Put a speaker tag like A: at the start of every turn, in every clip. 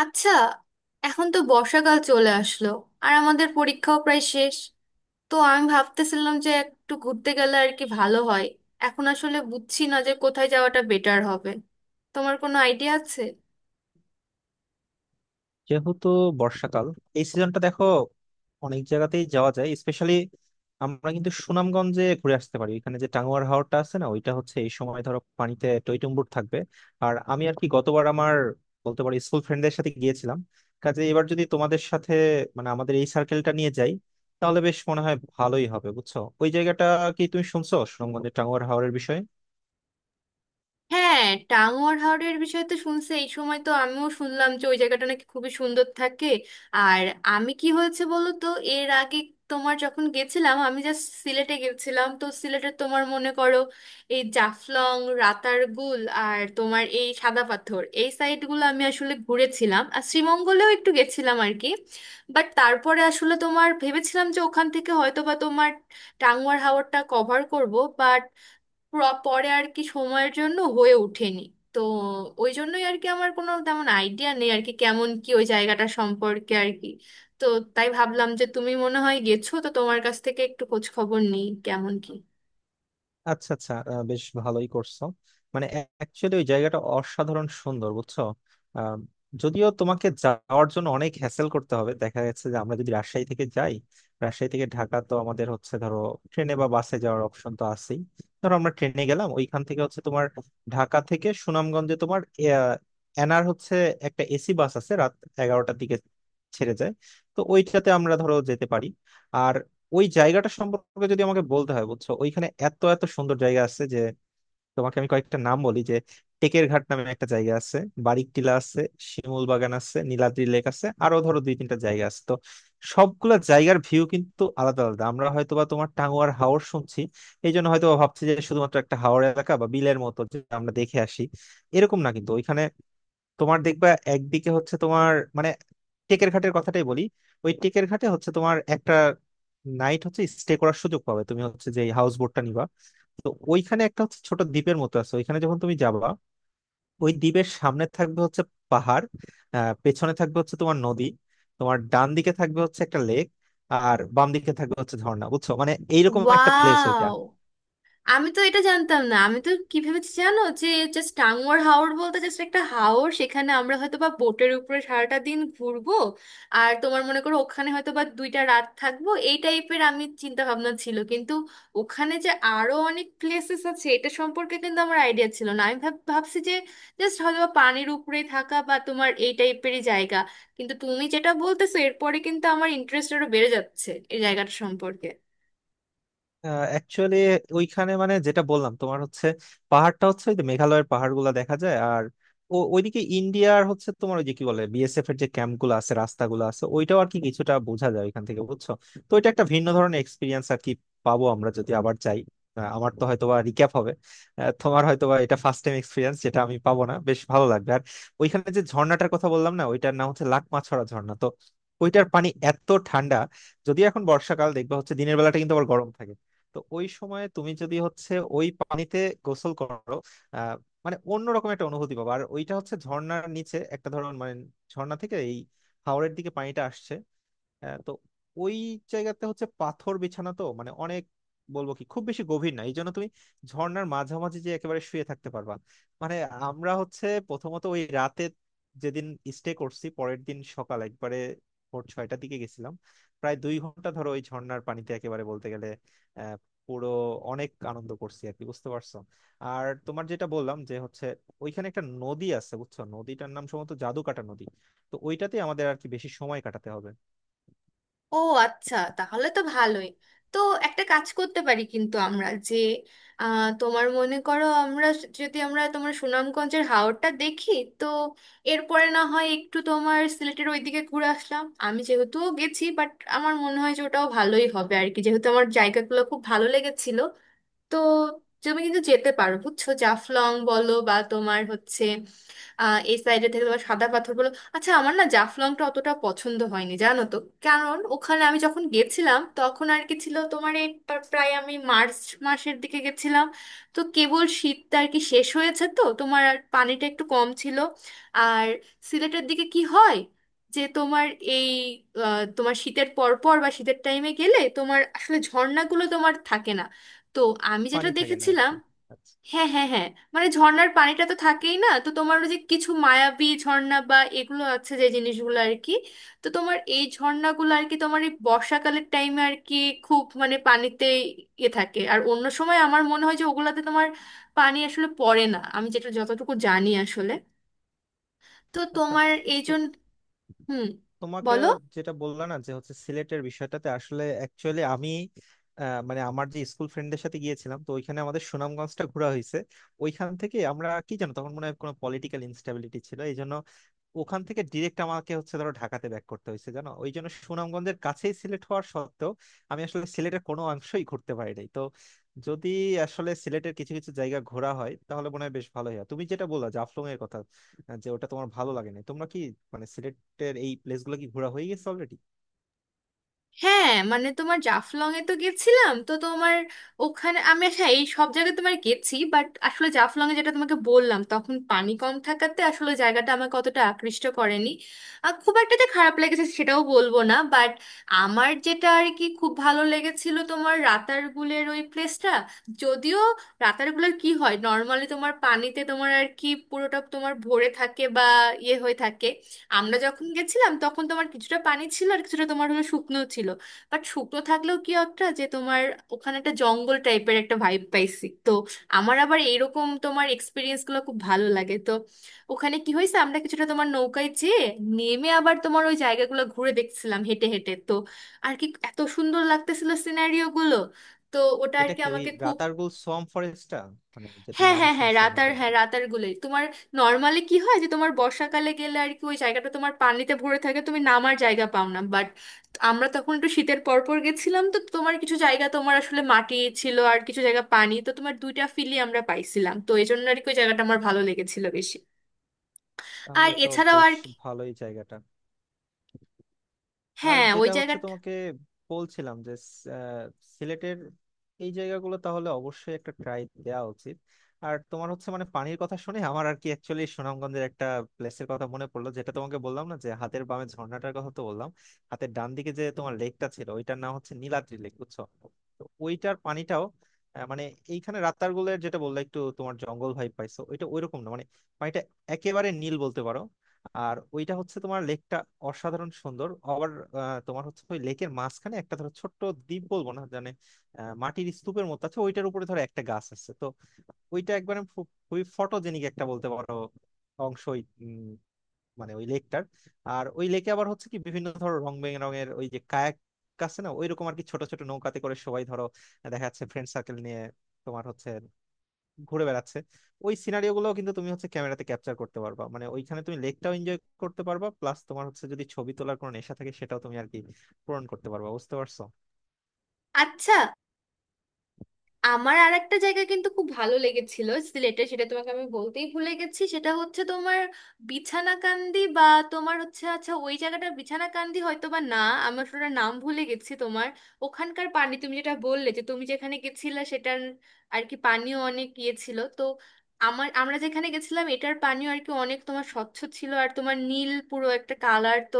A: আচ্ছা। এখন তো বর্ষাকাল চলে আসলো আর আমাদের পরীক্ষাও প্রায় শেষ। তো আমি ভাবতেছিলাম যে একটু ঘুরতে গেলে আর কি ভালো হয়। এখন আসলে বুঝছি না যে কোথায় যাওয়াটা বেটার হবে। তোমার কোনো আইডিয়া আছে?
B: যেহেতু বর্ষাকাল, এই সিজনটা দেখো অনেক জায়গাতেই যাওয়া যায়। স্পেশালি আমরা কিন্তু সুনামগঞ্জে ঘুরে আসতে পারি। এখানে যে টাঙ্গুয়ার হাওরটা আছে না, ওইটা হচ্ছে এই সময় ধরো পানিতে টইটুম্বুর থাকবে। আর আমি আর কি গতবার আমার, বলতে পারি, স্কুল ফ্রেন্ডদের সাথে গিয়েছিলাম। কাজে এবার যদি তোমাদের সাথে, মানে আমাদের এই সার্কেলটা নিয়ে যাই, তাহলে বেশ মনে হয় ভালোই হবে বুঝছো। ওই জায়গাটা কি তুমি শুনছো সুনামগঞ্জের টাঙ্গুয়ার হাওরের বিষয়ে?
A: হ্যাঁ, টাঙ্গুয়ার হাওরের বিষয়ে তো শুনছি, এই সময় তো আমিও শুনলাম যে ওই জায়গাটা নাকি খুবই সুন্দর থাকে। আর আমি কি হয়েছে বলো তো, এর আগে তোমার যখন গেছিলাম, আমি জাস্ট সিলেটে গেছিলাম। তো সিলেটে তোমার মনে করো এই জাফলং, রাতারগুল আর তোমার এই সাদা পাথর, এই সাইডগুলো আমি আসলে ঘুরেছিলাম আর শ্রীমঙ্গলেও একটু গেছিলাম আর কি। বাট তারপরে আসলে তোমার ভেবেছিলাম যে ওখান থেকে হয়তো বা তোমার টাঙ্গুয়ার হাওরটা কভার করব। বাট পরে আর কি সময়ের জন্য হয়ে ওঠেনি। তো ওই জন্যই আর কি আমার কোনো তেমন আইডিয়া নেই আর কি, কেমন কি ওই জায়গাটা সম্পর্কে আর কি। তো তাই ভাবলাম যে তুমি মনে হয় গেছো, তো তোমার কাছ থেকে একটু খোঁজ খবর নিই কেমন কি।
B: আচ্ছা, আচ্ছা, বেশ ভালোই করছো। মানে অ্যাকচুয়ালি ওই জায়গাটা অসাধারণ সুন্দর বুঝছো। আহ, যদিও তোমাকে যাওয়ার জন্য অনেক হ্যাসেল করতে হবে। দেখা যাচ্ছে যে আমরা যদি রাজশাহী থেকে যাই, রাজশাহী থেকে ঢাকা তো আমাদের হচ্ছে ধরো ট্রেনে বা বাসে যাওয়ার অপশন তো আছেই। ধরো আমরা ট্রেনে গেলাম, ওইখান থেকে হচ্ছে তোমার ঢাকা থেকে সুনামগঞ্জে তোমার এনার হচ্ছে একটা এসি বাস আছে রাত 11টার দিকে ছেড়ে যায়। তো ওইটাতে আমরা ধরো যেতে পারি। আর ওই জায়গাটা সম্পর্কে যদি আমাকে বলতে হয় বুঝছো, ওইখানে এত এত সুন্দর জায়গা আছে যে তোমাকে আমি কয়েকটা নাম বলি। যে টেকের ঘাট নামে একটা জায়গা আছে, বারিক টিলা আছে, শিমুল বাগান আছে, নীলাদ্রি লেক আছে, আরো ধরো দুই তিনটা জায়গা আছে। তো সবগুলা জায়গার ভিউ কিন্তু আলাদা আলাদা। আমরা হয়তোবা তোমার টাঙ্গুয়ার হাওর শুনছি এই জন্য হয়তো ভাবছি যে শুধুমাত্র একটা হাওর এলাকা বা বিলের মতো যে আমরা দেখে আসি, এরকম না কিন্তু। ওইখানে তোমার দেখবা একদিকে হচ্ছে তোমার, মানে টেকের ঘাটের কথাটাই বলি, ওই টেকের ঘাটে হচ্ছে তোমার একটা নাইট হচ্ছে স্টে করার সুযোগ পাবে। তুমি হচ্ছে যে হাউস বোটটা নিবা, তো ওইখানে একটা হচ্ছে ছোট দ্বীপের মতো আছে। ওইখানে যখন তুমি যাবা, ওই দ্বীপের সামনে থাকবে হচ্ছে পাহাড়, পেছনে থাকবে হচ্ছে তোমার নদী, তোমার ডান দিকে থাকবে হচ্ছে একটা লেক, আর বাম দিকে থাকবে হচ্ছে ঝর্ণা। বুঝছো মানে এইরকম একটা প্লেস ওইটা।
A: ওয়াও, আমি তো এটা জানতাম না। আমি তো কি ভেবেছি জানো, যে জাস্ট টাঙ্গুয়ার হাওর বলতে জাস্ট একটা হাওর, সেখানে আমরা হয়তো বা বোটের উপরে সারাটা দিন ঘুরবো আর তোমার মনে করো ওখানে হয়তো বা দুইটা রাত থাকবো, এই টাইপের আমি চিন্তা ভাবনা ছিল। কিন্তু ওখানে যে আরো অনেক প্লেসেস আছে এটা সম্পর্কে কিন্তু আমার আইডিয়া ছিল না। আমি ভাবছি যে জাস্ট হয়তো বা পানির উপরে থাকা বা তোমার এই টাইপেরই জায়গা। কিন্তু তুমি যেটা বলতেছো এরপরে কিন্তু আমার ইন্টারেস্ট আরো বেড়ে যাচ্ছে এই জায়গাটা সম্পর্কে।
B: অ্যাকচুয়ালি ওইখানে মানে যেটা বললাম তোমার হচ্ছে পাহাড়টা হচ্ছে ওই যে মেঘালয়ের পাহাড়গুলো দেখা যায়। আর ওইদিকে ইন্ডিয়ার হচ্ছে তোমার ওই যে কি বলে বিএসএফ এর যে ক্যাম্প গুলো আছে, রাস্তাগুলো আছে, ওইটাও আর কি কিছুটা বোঝা যায় ওইখান থেকে বুঝছো। তো এটা একটা ভিন্ন ধরনের এক্সপিরিয়েন্স আর কি পাবো আমরা যদি আবার যাই। আমার তো হয়তোবা রিক্যাপ হবে, তোমার হয়তোবা এটা ফার্স্ট টাইম এক্সপিরিয়েন্স যেটা আমি পাবো না, বেশ ভালো লাগবে। আর ওইখানে যে ঝর্ণাটার কথা বললাম না ওইটার নাম হচ্ছে লাকমাছড়া ঝর্ণা। তো ওইটার পানি এত ঠান্ডা, যদি এখন বর্ষাকাল দেখবা হচ্ছে দিনের বেলাটা কিন্তু আবার গরম থাকে। তো ওই সময় তুমি যদি হচ্ছে ওই পানিতে গোসল করো, আহ মানে অন্যরকম একটা অনুভূতি পাবো। আর ওইটা হচ্ছে ঝর্ণার নিচে একটা ধরন মানে ঝর্ণা থেকে এই হাওরের দিকে পানিটা আসছে। হ্যাঁ, তো ওই জায়গাতে হচ্ছে পাথর বিছানা, তো মানে অনেক, বলবো কি খুব বেশি গভীর না। এই জন্য তুমি ঝর্ণার মাঝামাঝি যে একেবারে শুয়ে থাকতে পারবা। মানে আমরা হচ্ছে প্রথমত ওই রাতে যেদিন স্টে করছি পরের দিন সকাল একবারে ভোর 6টার দিকে গেছিলাম। প্রায় 2 ঘন্টা ধরো ওই ঝর্ণার পানিতে একেবারে বলতে গেলে আহ পুরো অনেক আনন্দ করছি আর কি বুঝতে পারছো। আর তোমার যেটা বললাম যে হচ্ছে ওইখানে একটা নদী আছে বুঝছো, নদীটার নাম সম্ভবত জাদুকাটা নদী। তো ওইটাতে আমাদের আর কি বেশি সময় কাটাতে হবে।
A: ও আচ্ছা, তাহলে তো ভালোই। তো একটা কাজ করতে পারি কিন্তু, আমরা যে তোমার মনে করো আমরা, যদি আমরা তোমার সুনামগঞ্জের হাওরটা দেখি, তো এরপরে না হয় একটু তোমার সিলেটের ওইদিকে ঘুরে আসলাম। আমি যেহেতু গেছি, বাট আমার মনে হয় যে ওটাও ভালোই হবে আর কি, যেহেতু আমার জায়গাগুলো খুব ভালো লেগেছিল। তো তুমি কিন্তু যেতে পারো বুঝছো, জাফলং বলো বা তোমার হচ্ছে এই সাইডে থেকে তোমার সাদা পাথর বলো। আচ্ছা, আমার না জাফলংটা অতটা পছন্দ হয়নি জানো তো। কারণ ওখানে আমি যখন গেছিলাম তখন আর কি ছিল তোমার এই প্রায় আমি মার্চ মাসের দিকে গেছিলাম। তো কেবল শীতটা আর কি শেষ হয়েছে তো তোমার, আর পানিটা একটু কম ছিল। আর সিলেটের দিকে কি হয় যে তোমার এই তোমার শীতের পর পর বা শীতের টাইমে গেলে তোমার আসলে ঝর্ণাগুলো তোমার থাকে না। তো আমি যেটা
B: পানি থাকে না আর
A: দেখেছিলাম।
B: কি। আচ্ছা।
A: হ্যাঁ, হ্যাঁ, হ্যাঁ, মানে ঝর্ণার পানিটা তো থাকেই না, তো তোমার ওই যে কিছু মায়াবী ঝর্ণা বা এগুলো আছে যে জিনিসগুলো আর কি। তো তোমার এই ঝর্ণাগুলো আর কি তোমার এই বর্ষাকালের টাইমে আর কি খুব মানে পানিতে ইয়ে থাকে, আর অন্য সময় আমার মনে হয় যে ওগুলাতে তোমার পানি আসলে পড়ে না, আমি যেটা যতটুকু জানি আসলে। তো
B: আচ্ছা,
A: তোমার এই
B: তো
A: জন্য। হুম।
B: তোমাকে
A: বলো।
B: যেটা বললাম না যে হচ্ছে সিলেটের বিষয়টাতে আসলে অ্যাকচুয়ালি আমি, মানে আমার যে স্কুল ফ্রেন্ডদের সাথে গিয়েছিলাম, তো ওইখানে আমাদের সুনামগঞ্জটা ঘোরা হয়েছে। ওইখান থেকে আমরা কি জানো তখন মনে হয় কোনো পলিটিক্যাল ইনস্টেবিলিটি ছিল এই জন্য ওখান থেকে ডিরেক্ট আমাকে হচ্ছে ধরো ঢাকাতে ব্যাক করতে হয়েছে জানো। ওই জন্য সুনামগঞ্জের কাছেই সিলেট হওয়ার সত্ত্বেও আমি আসলে সিলেটের কোনো অংশই ঘুরতে পারি নাই। তো যদি আসলে সিলেটের কিছু কিছু জায়গা ঘোরা হয় তাহলে মনে হয় বেশ ভালোই হয়। তুমি যেটা বললা জাফলং এর কথা, যে ওটা তোমার ভালো লাগে না, তোমরা কি মানে এর এই প্লেসগুলো কি ঘোরা হয়ে গেছে অলরেডি?
A: হ্যাঁ, মানে তোমার জাফলং এ তো গেছিলাম, তো তোমার ওখানে আমি, হ্যাঁ, এই সব জায়গায় তোমার গেছি বাট আসলে জাফলং এ যেটা তোমাকে বললাম, তখন পানি কম থাকাতে আসলে জায়গাটা আমাকে অতটা আকৃষ্ট করেনি। আর খুব একটা যে খারাপ লেগেছে সেটাও বলবো না, বাট আমার যেটা আর কি খুব ভালো লেগেছিল তোমার রাতারগুলের ওই প্লেসটা। যদিও রাতারগুলের কি হয়, নর্মালি তোমার পানিতে তোমার আর কি পুরোটা তোমার ভরে থাকে বা ইয়ে হয়ে থাকে। আমরা যখন গেছিলাম তখন তোমার কিছুটা পানি ছিল আর কিছুটা তোমার হলো শুকনো ছিল। বাট শুকনো থাকলেও কি একটা যে তোমার ওখানে একটা জঙ্গল টাইপের একটা ভাইব পাইছি। তো আমার আবার এরকম তোমার এক্সপিরিয়েন্স গুলো খুব ভালো লাগে। তো ওখানে কি হয়েছে, আমরা কিছুটা তোমার নৌকায় যেয়ে নেমে আবার তোমার ওই জায়গাগুলো ঘুরে দেখছিলাম হেঁটে হেঁটে। তো আর কি এত সুন্দর লাগতেছিল সিনারিও গুলো। তো ওটা আর
B: এটা
A: কি
B: কি ওই
A: আমাকে খুব।
B: রাতারগুল সোয়াম ফরেস্টটা, মানে যেটা
A: হ্যাঁ,
B: নাম
A: হ্যাঁ, হ্যাঁ,
B: শুনছি অনেক আর কি?
A: রাতার গুলোই তোমার। নর্মালি কি হয় যে তোমার বর্ষাকালে গেলে আর কি ওই জায়গাটা তোমার পানিতে ভরে থাকে, তুমি নামার জায়গা পাও না। বাট আমরা তখন একটু শীতের পর পর গেছিলাম, তো তোমার কিছু জায়গা তোমার আসলে মাটি ছিল আর কিছু জায়গা পানি, তো তোমার দুইটা ফিলই আমরা পাইছিলাম, তো এই জন্য আর কি ওই জায়গাটা আমার ভালো লেগেছিল বেশি। আর
B: তাহলে তো
A: এছাড়াও
B: বেশ
A: আর কি।
B: ভালোই জায়গাটা। আর
A: হ্যাঁ, ওই
B: যেটা হচ্ছে
A: জায়গাটা।
B: তোমাকে বলছিলাম যে আহ, সিলেটের এই জায়গাগুলো তাহলে অবশ্যই একটা ট্রাই দেওয়া উচিত। আর তোমার হচ্ছে মানে পানির কথা শুনে আমার আর কি অ্যাকচুয়ালি সুনামগঞ্জের একটা প্লেসের কথা মনে পড়লো। যেটা তোমাকে বললাম না যে হাতের বামে ঝর্ণাটার কথা তো বললাম, হাতের ডান দিকে যে তোমার লেকটা ছিল ওইটার নাম হচ্ছে নীলাদ্রি লেক বুঝছো। তো ওইটার পানিটাও মানে এইখানে রাতারগুলের যেটা বললে একটু তোমার জঙ্গল ভাই পাইছো, ওইটা ওইরকম না মানে পানিটা একেবারে নীল বলতে পারো। আর ওইটা হচ্ছে তোমার লেকটা অসাধারণ সুন্দর আবার তোমার হচ্ছে ওই লেকের মাঝখানে একটা ধরো ছোট্ট দ্বীপ বলবো না জানে, মাটির স্তূপের মতো আছে। ওইটার উপরে ধরো একটা গাছ আছে। তো ওইটা একবার খুবই ফটোজেনিক একটা বলতে পারো অংশ ওই, মানে ওই লেকটার। আর ওই লেকে আবার হচ্ছে কি বিভিন্ন ধরো রং বেরঙের ওই যে কায়াক আছে না, ওইরকম আর কি ছোট ছোট নৌকাতে করে সবাই ধরো দেখা যাচ্ছে ফ্রেন্ড সার্কেল নিয়ে তোমার হচ্ছে ঘুরে বেড়াচ্ছে। ওই সিনারিও গুলো কিন্তু তুমি হচ্ছে ক্যামেরাতে ক্যাপচার করতে পারবা। মানে ওইখানে তুমি লেকটাও এনজয় করতে পারবা, প্লাস তোমার হচ্ছে যদি ছবি তোলার কোনো নেশা থাকে সেটাও তুমি আর কি পূরণ করতে পারবা বুঝতে পারছো।
A: আচ্ছা, আমার আর একটা জায়গা কিন্তু খুব ভালো লেগেছিল সিলেটে, সেটা তোমাকে আমি বলতেই ভুলে গেছি। সেটা হচ্ছে তোমার বিছানাকান্দি বা তোমার হচ্ছে, আচ্ছা ওই জায়গাটা বিছানাকান্দি হয়তো বা না, আমি আসলে ওটার নাম ভুলে গেছি তোমার। ওখানকার পানি তুমি যেটা বললে যে তুমি যেখানে গেছিলে সেটার আর কি পানিও অনেক ইয়ে ছিল, তো আমার, আমরা যেখানে গেছিলাম এটার পানিও আর কি অনেক তোমার স্বচ্ছ ছিল আর তোমার নীল পুরো একটা কালার, তো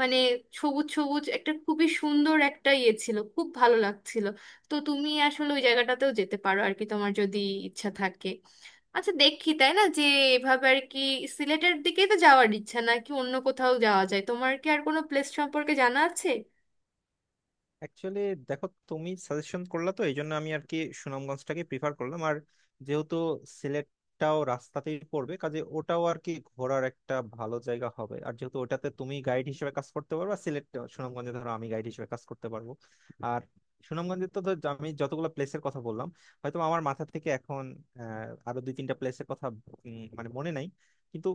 A: মানে সবুজ সবুজ একটা খুবই সুন্দর একটা ইয়ে ছিল, খুব ভালো লাগছিল। তো তুমি আসলে ওই জায়গাটাতেও যেতে পারো আর কি তোমার যদি ইচ্ছা থাকে। আচ্ছা দেখি তাই না, যে এভাবে আর কি সিলেটের দিকেই তো যাওয়ার ইচ্ছা, নাকি অন্য কোথাও যাওয়া যায়, তোমার কি আর কোনো প্লেস সম্পর্কে জানা আছে?
B: অ্যাকচুয়ালি দেখো তুমি সাজেশন করলা তো এই জন্য আমি আর কি সুনামগঞ্জটাকে প্রিফার করলাম। আর যেহেতু সিলেটটাও রাস্তাতেই পড়বে কাজে ওটাও আর কি ঘোরার একটা ভালো জায়গা হবে। আর যেহেতু ওটাতে তুমি গাইড হিসেবে কাজ করতে পারবে আর সিলেট সুনামগঞ্জে ধরো আমি গাইড হিসেবে কাজ করতে পারবো। আর সুনামগঞ্জে তো ধর আমি যতগুলো প্লেসের কথা বললাম হয়তো আমার মাথা থেকে এখন আরো দুই তিনটা প্লেসের কথা মানে মনে নাই। কিন্তু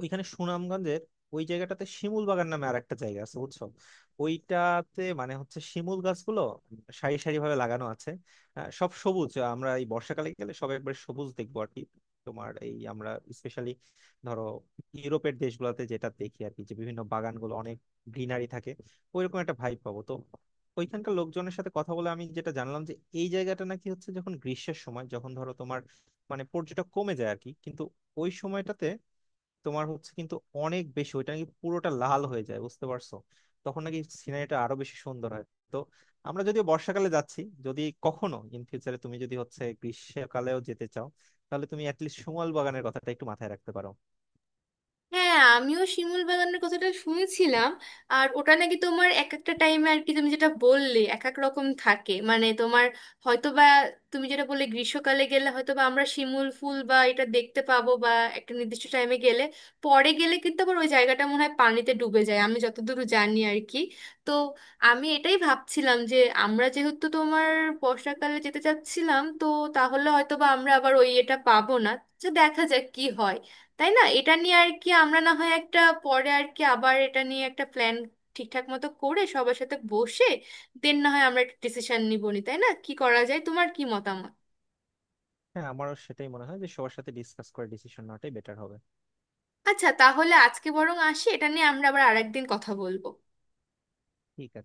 B: ওইখানে সুনামগঞ্জের ওই জায়গাটাতে শিমুল বাগান নামে আর একটা জায়গা আছে বুঝছো। ওইটাতে মানে হচ্ছে শিমুল গাছগুলো সারি সারি ভাবে লাগানো আছে। সব সবুজ, আমরা এই বর্ষাকালে গেলে সব একবারে সবুজ দেখবো আর কি। তোমার এই আমরা স্পেশালি ধরো ইউরোপের দেশগুলোতে যেটা দেখি আর কি যে বিভিন্ন বাগানগুলো অনেক গ্রিনারি থাকে, ওইরকম একটা ভাইব পাবো। তো ওইখানকার লোকজনের সাথে কথা বলে আমি যেটা জানলাম যে এই জায়গাটা নাকি হচ্ছে যখন গ্রীষ্মের সময় যখন ধরো তোমার মানে পর্যটক কমে যায় আর কি, কিন্তু ওই সময়টাতে তোমার হচ্ছে কিন্তু অনেক বেশি ওইটা নাকি পুরোটা লাল হয়ে যায় বুঝতে পারছো। তখন নাকি সিনারিটা আরো বেশি সুন্দর হয়। তো আমরা যদি বর্ষাকালে যাচ্ছি, যদি কখনো ইন ফিউচারে তুমি যদি হচ্ছে গ্রীষ্মকালেও যেতে চাও তাহলে তুমি অ্যাটলিস্ট সমল বাগানের কথাটা একটু মাথায় রাখতে পারো।
A: হ্যাঁ, আমিও শিমুল বাগানের কথাটা শুনেছিলাম। আর ওটা নাকি তোমার এক একটা টাইমে আর কি তুমি যেটা বললে এক এক রকম থাকে, মানে তোমার হয়তোবা তুমি যেটা বললে গ্রীষ্মকালে গেলে হয়তোবা আমরা শিমুল ফুল বা এটা দেখতে পাবো বা একটা নির্দিষ্ট টাইমে গেলে। পরে গেলে কিন্তু আবার ওই জায়গাটা মনে হয় পানিতে ডুবে যায়, আমি যতদূর জানি আর কি। তো আমি এটাই ভাবছিলাম যে আমরা যেহেতু তোমার বর্ষাকালে যেতে চাচ্ছিলাম, তো তাহলে হয়তোবা আমরা আবার ওই এটা পাবো না। তো দেখা যাক কি হয়, তাই না? এটা নিয়ে আর কি আমরা না হয় একটা পরে আর কি আবার এটা নিয়ে একটা প্ল্যান ঠিকঠাক মতো করে সবার সাথে বসে, দেন না হয় আমরা একটা ডিসিশন নিব নি, তাই না? কি করা যায়, তোমার কি মতামত?
B: হ্যাঁ, আমারও সেটাই মনে হয় যে সবার সাথে ডিসকাস করে ডিসিশন নেওয়াটাই বেটার হবে।
A: আচ্ছা, তাহলে আজকে বরং আসি, এটা নিয়ে আমরা আবার আরেকদিন কথা বলবো।
B: ঠিক আছে।